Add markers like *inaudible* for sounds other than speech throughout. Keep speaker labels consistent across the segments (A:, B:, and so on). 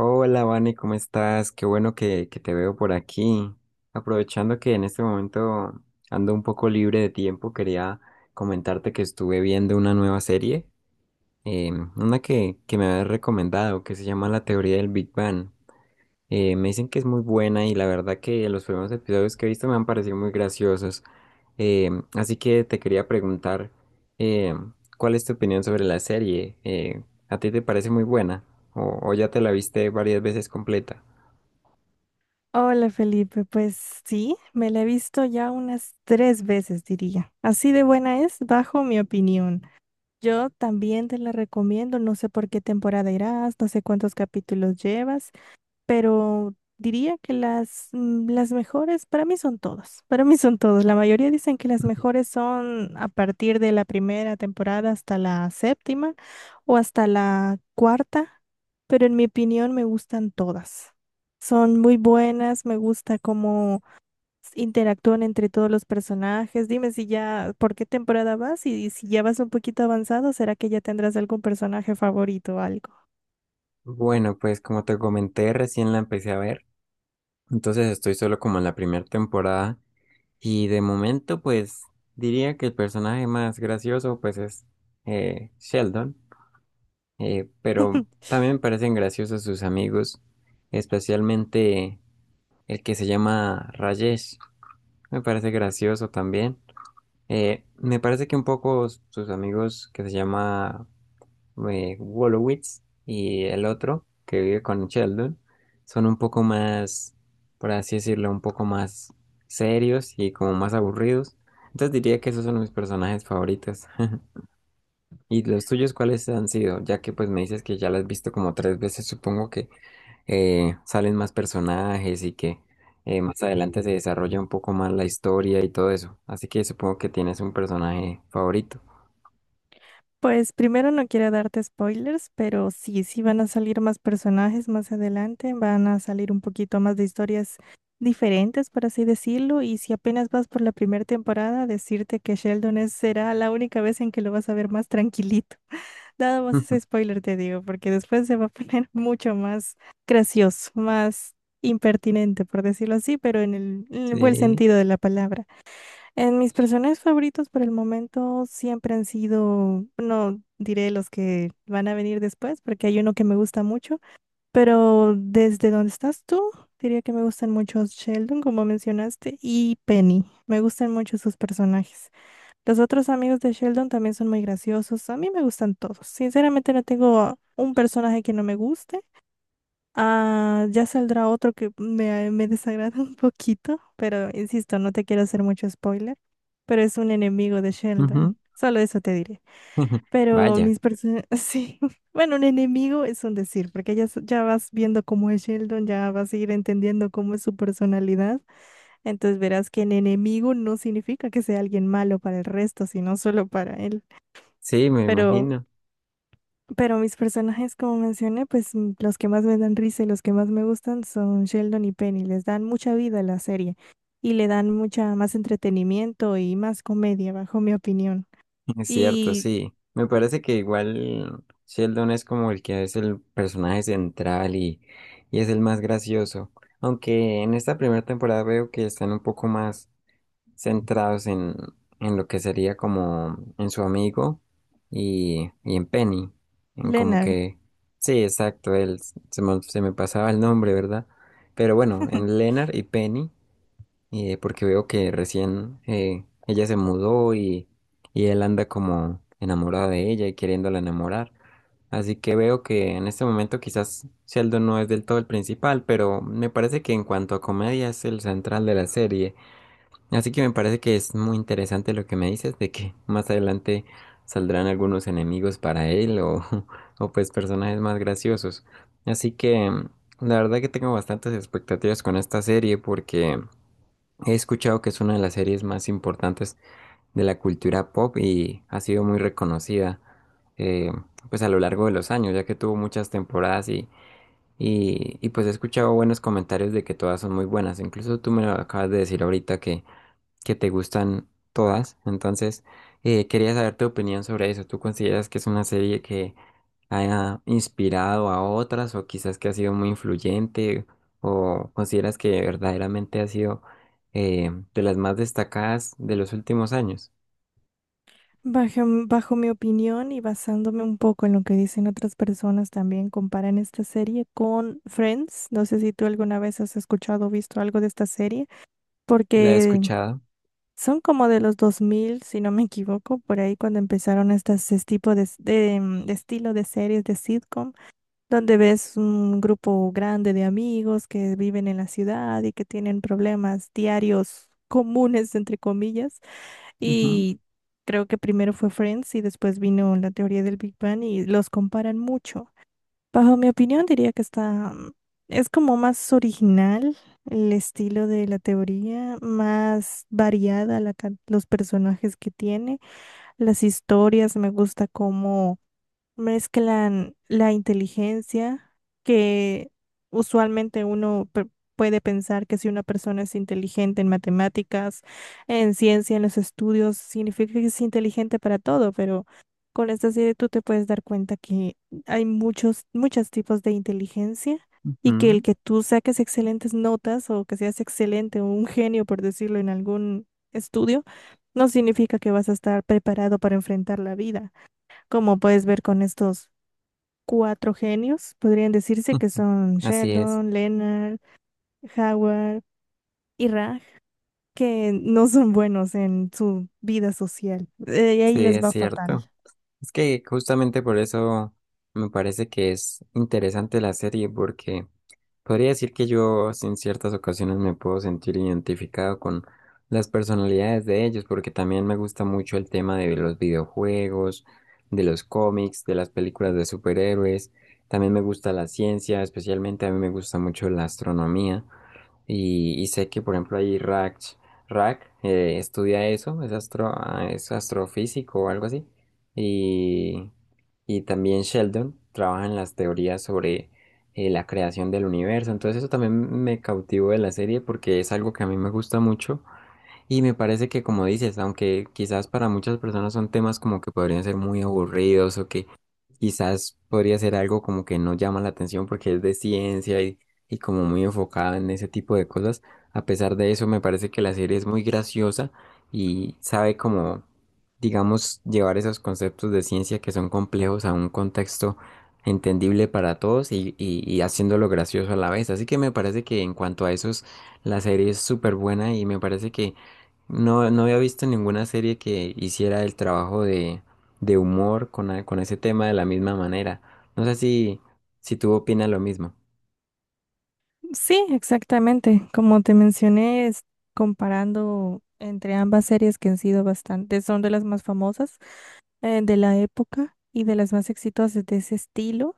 A: Hola, Vane, ¿cómo estás? Qué bueno que te veo por aquí. Aprovechando que en este momento ando un poco libre de tiempo, quería comentarte que estuve viendo una nueva serie, una que me habías recomendado, que se llama La teoría del Big Bang. Me dicen que es muy buena y la verdad que los primeros episodios que he visto me han parecido muy graciosos. Eh, así que te quería preguntar, eh, ¿cuál es tu opinión sobre la serie? ¿A ti te parece muy buena o ya te la viste varias veces completa?
B: Hola Felipe, pues sí, me la he visto ya unas tres veces, diría. Así de buena es, bajo mi opinión. Yo también te la recomiendo, no sé por qué temporada irás, no sé cuántos capítulos llevas, pero diría que las mejores, para mí son todas, para mí son todas. La mayoría dicen que las mejores son a partir de la primera temporada hasta la séptima o hasta la cuarta, pero en mi opinión me gustan todas. Son muy buenas, me gusta cómo interactúan entre todos los personajes. Dime si ya, ¿por qué temporada vas? Y si ya vas un poquito avanzado, ¿será que ya tendrás algún personaje favorito o algo?
A: Bueno, pues como te comenté, recién la empecé a ver, entonces estoy solo como en la primera temporada y de momento pues diría que el personaje más gracioso pues es Sheldon. Pero
B: *laughs*
A: también me parecen graciosos sus amigos, especialmente el que se llama Rajesh. Me parece gracioso también. Me parece que un poco sus amigos que se llama Wolowitz y el otro que vive con Sheldon son un poco más, por así decirlo, un poco más serios y como más aburridos. Entonces diría que esos son mis personajes favoritos. *laughs* ¿Y los tuyos cuáles han sido? Ya que pues me dices que ya las has visto como tres veces, supongo que salen más personajes y que más adelante se desarrolla un poco más la historia y todo eso. Así que supongo que tienes un personaje favorito.
B: Pues primero no quiero darte spoilers, pero sí, sí van a salir más personajes más adelante, van a salir un poquito más de historias diferentes, por así decirlo, y si apenas vas por la primera temporada, decirte que será la única vez en que lo vas a ver más tranquilito. *laughs* Nada
A: *laughs*
B: más
A: Ujú.
B: ese spoiler te digo, porque después se va a poner *laughs* mucho más gracioso, más impertinente, por decirlo así, pero en el buen
A: Sí.
B: sentido de la palabra. En mis personajes favoritos por el momento siempre han sido, no diré los que van a venir después, porque hay uno que me gusta mucho, pero desde donde estás tú, diría que me gustan mucho Sheldon, como mencionaste, y Penny. Me gustan mucho sus personajes. Los otros amigos de Sheldon también son muy graciosos. A mí me gustan todos. Sinceramente no tengo un personaje que no me guste. Ah, ya saldrá otro me desagrada *laughs* un poquito, pero insisto, no te quiero hacer mucho spoiler, pero es un enemigo de
A: Ujú.
B: Sheldon. Solo eso te diré.
A: *laughs*
B: Pero
A: Vaya.
B: mis personas, *laughs* sí, bueno, un enemigo es un decir, porque ya, ya vas viendo cómo es Sheldon, ya vas a ir entendiendo cómo es su personalidad, entonces verás que en enemigo no significa que sea alguien malo para el resto, sino solo para él.
A: Sí, me
B: Pero
A: imagino.
B: pero mis personajes, como mencioné, los que más me dan risa y los que más me gustan son Sheldon y Penny. Les dan mucha vida a la serie y le dan mucha más entretenimiento y más comedia, bajo mi opinión.
A: Es cierto,
B: Y
A: sí. Me parece que igual Sheldon es como el que es el personaje central y es el más gracioso. Aunque en esta primera temporada veo que están un poco más centrados en lo que sería como en su amigo y en Penny, en como
B: Leonard,
A: que, sí, exacto, él, se me pasaba el nombre, ¿verdad? Pero bueno, en Leonard y Penny, porque veo que recién ella se mudó y él anda como enamorado de ella y queriéndola enamorar. Así que veo que en este momento quizás Sheldon no es del todo el principal, pero me parece que en cuanto a comedia es el central de la serie. Así que me parece que es muy interesante lo que me dices de que más adelante saldrán algunos enemigos para él o, *laughs* o pues personajes más graciosos. Así que la verdad que tengo bastantes expectativas con esta serie porque he escuchado que es una de las series más importantes de la cultura pop y ha sido muy reconocida eh, pues a lo largo de los años ya que tuvo muchas temporadas y pues he escuchado buenos comentarios de que todas son muy buenas. Incluso tú me lo acabas de decir ahorita que te gustan todas. Entonces, quería saber tu opinión sobre eso. ¿Tú consideras que es una serie que haya inspirado a otras o quizás que ha sido muy influyente o consideras que verdaderamente ha sido de las más destacadas de los últimos años?
B: bajo, bajo mi opinión y basándome un poco en lo que dicen otras personas también, comparan esta serie con Friends. No sé si tú alguna vez has escuchado o visto algo de esta serie,
A: La he
B: porque
A: escuchado.
B: son como de los 2000, si no me equivoco, por ahí cuando empezaron este tipo de estilo de series de sitcom, donde ves un grupo grande de amigos que viven en la ciudad y que tienen problemas diarios comunes, entre comillas. Y creo que primero fue Friends y después vino La teoría del Big Bang y los comparan mucho. Bajo mi opinión, diría que es como más original el estilo de la teoría, más variada los personajes que tiene, las historias, me gusta cómo mezclan la inteligencia, que usualmente uno pe- puede pensar que si una persona es inteligente en matemáticas, en ciencia, en los estudios, significa que es inteligente para todo, pero con esta serie tú te puedes dar cuenta que hay muchos tipos de inteligencia. Y que el
A: Ujú.
B: que tú saques excelentes notas o que seas excelente o un genio, por decirlo, en algún estudio, no significa que vas a estar preparado para enfrentar la vida. Como puedes ver con estos cuatro genios, podrían decirse que
A: *laughs*
B: son
A: Así es,
B: Sheldon, Leonard, Howard y Raj, que no son buenos en su vida social. Y
A: sí,
B: ahí les
A: es
B: va fatal.
A: cierto. Es que justamente por eso me parece que es interesante la serie porque podría decir que yo en ciertas ocasiones me puedo sentir identificado con las personalidades de ellos, porque también me gusta mucho el tema de los videojuegos, de los cómics, de las películas de superhéroes. También me gusta la ciencia, especialmente a mí me gusta mucho la astronomía. Y sé que, por ejemplo, ahí Rach, Rach estudia eso, es, es astrofísico o algo así. Y, y también Sheldon trabaja en las teorías sobre la creación del universo. Entonces eso también me cautivó de la serie porque es algo que a mí me gusta mucho. Y me parece que, como dices, aunque quizás para muchas personas son temas como que podrían ser muy aburridos o que quizás podría ser algo como que no llama la atención porque es de ciencia y como muy enfocada en ese tipo de cosas. A pesar de eso, me parece que la serie es muy graciosa y sabe como, digamos, llevar esos conceptos de ciencia que son complejos a un contexto entendible para todos y haciéndolo gracioso a la vez. Así que me parece que en cuanto a esos, la serie es súper buena y me parece que no había visto ninguna serie que hiciera el trabajo de humor con ese tema de la misma manera. No sé si tú opinas lo mismo.
B: Sí, exactamente. Como te mencioné, es comparando entre ambas series que han sido bastante, son de las más famosas de la época y de las más exitosas de ese estilo.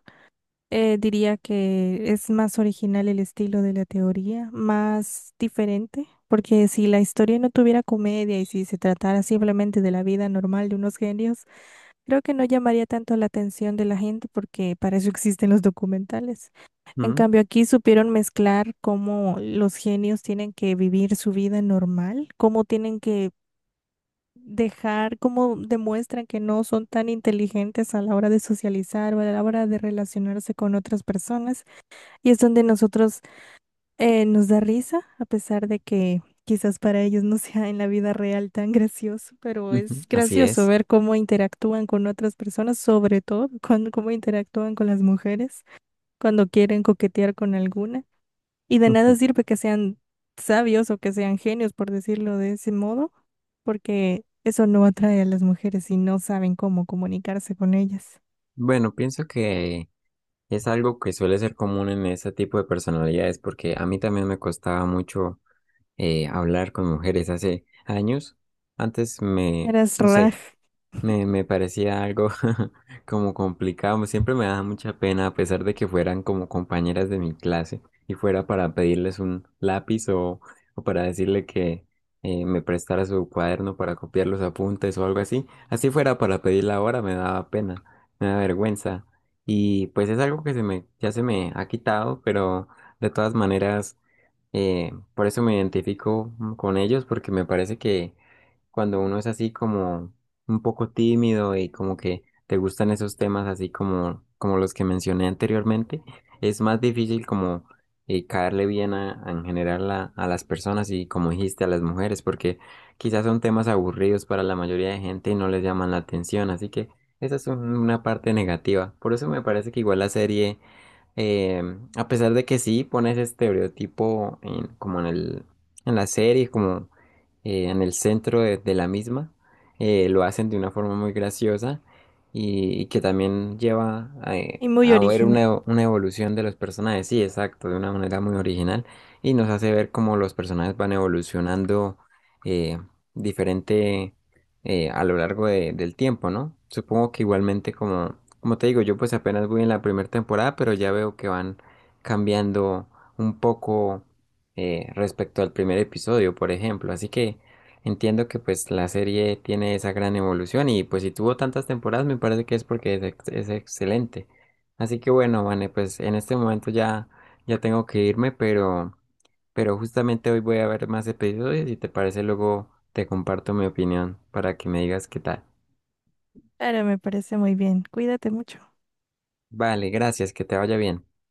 B: Diría que es más original el estilo de la teoría, más diferente, porque si la historia no tuviera comedia y si se tratara simplemente de la vida normal de unos genios, creo que no llamaría tanto la atención de la gente porque para eso existen los documentales. En
A: Mm,
B: cambio, aquí supieron mezclar cómo los genios tienen que vivir su vida normal, cómo tienen que dejar, cómo demuestran que no son tan inteligentes a la hora de socializar o a la hora de relacionarse con otras personas y es donde nosotros nos da risa, a pesar de que quizás para ellos no *laughs* sea en la vida real tan gracioso, pero
A: Ujú,
B: es
A: así
B: gracioso
A: es.
B: ver cómo interactúan con otras personas, sobre todo cuando, cómo interactúan con las mujeres cuando quieren coquetear con alguna. Y de nada
A: Ujú.
B: sirve que sean sabios o que sean genios, por decirlo de ese modo, porque eso no atrae a las mujeres y no saben cómo comunicarse con ellas.
A: Bueno, pienso que es algo que suele ser común en ese tipo de personalidades, porque a mí también me costaba mucho hablar con mujeres hace años. Antes me,
B: Eras
A: no
B: Raj
A: sé. Me parecía algo *laughs* como complicado. Siempre me daba mucha pena, a pesar de que fueran como compañeras de mi clase y fuera para pedirles un lápiz o para decirle que me prestara su cuaderno para copiar los apuntes o algo así. Así fuera para pedirla ahora, me daba pena, me daba vergüenza. Y pues es algo que ya se me ha quitado, pero de todas maneras, por eso me identifico con ellos porque me parece que cuando uno es así como un poco tímido y como que te gustan esos temas así como los que mencioné anteriormente, es más difícil como caerle bien a en general a las personas y como dijiste a las mujeres, porque quizás son temas aburridos para la mayoría de gente y no les llaman la atención, así que esa es una parte negativa. Por eso me parece que igual la serie a pesar de que sí pone ese estereotipo como en el, en la serie, como en el centro de la misma. Lo hacen de una forma muy graciosa y que también lleva
B: y muy
A: a ver
B: original.
A: una evolución de los personajes. Sí, exacto, de una manera muy original y nos hace ver cómo los personajes van evolucionando eh, diferente a lo largo del tiempo, ¿no? Supongo que igualmente como te digo, yo pues apenas voy en la primera temporada, pero ya veo que van cambiando un poco respecto al primer episodio, por ejemplo. Así que entiendo que pues la serie tiene esa gran evolución y pues si tuvo tantas temporadas me parece que es porque es excelente. Así que bueno, Vane, pues en este momento ya tengo que irme, pero justamente hoy voy a ver más episodios y te parece luego te comparto mi opinión para que me digas qué tal.
B: Ahora me parece muy bien. Cuídate mucho.
A: Vale, gracias, que te vaya bien.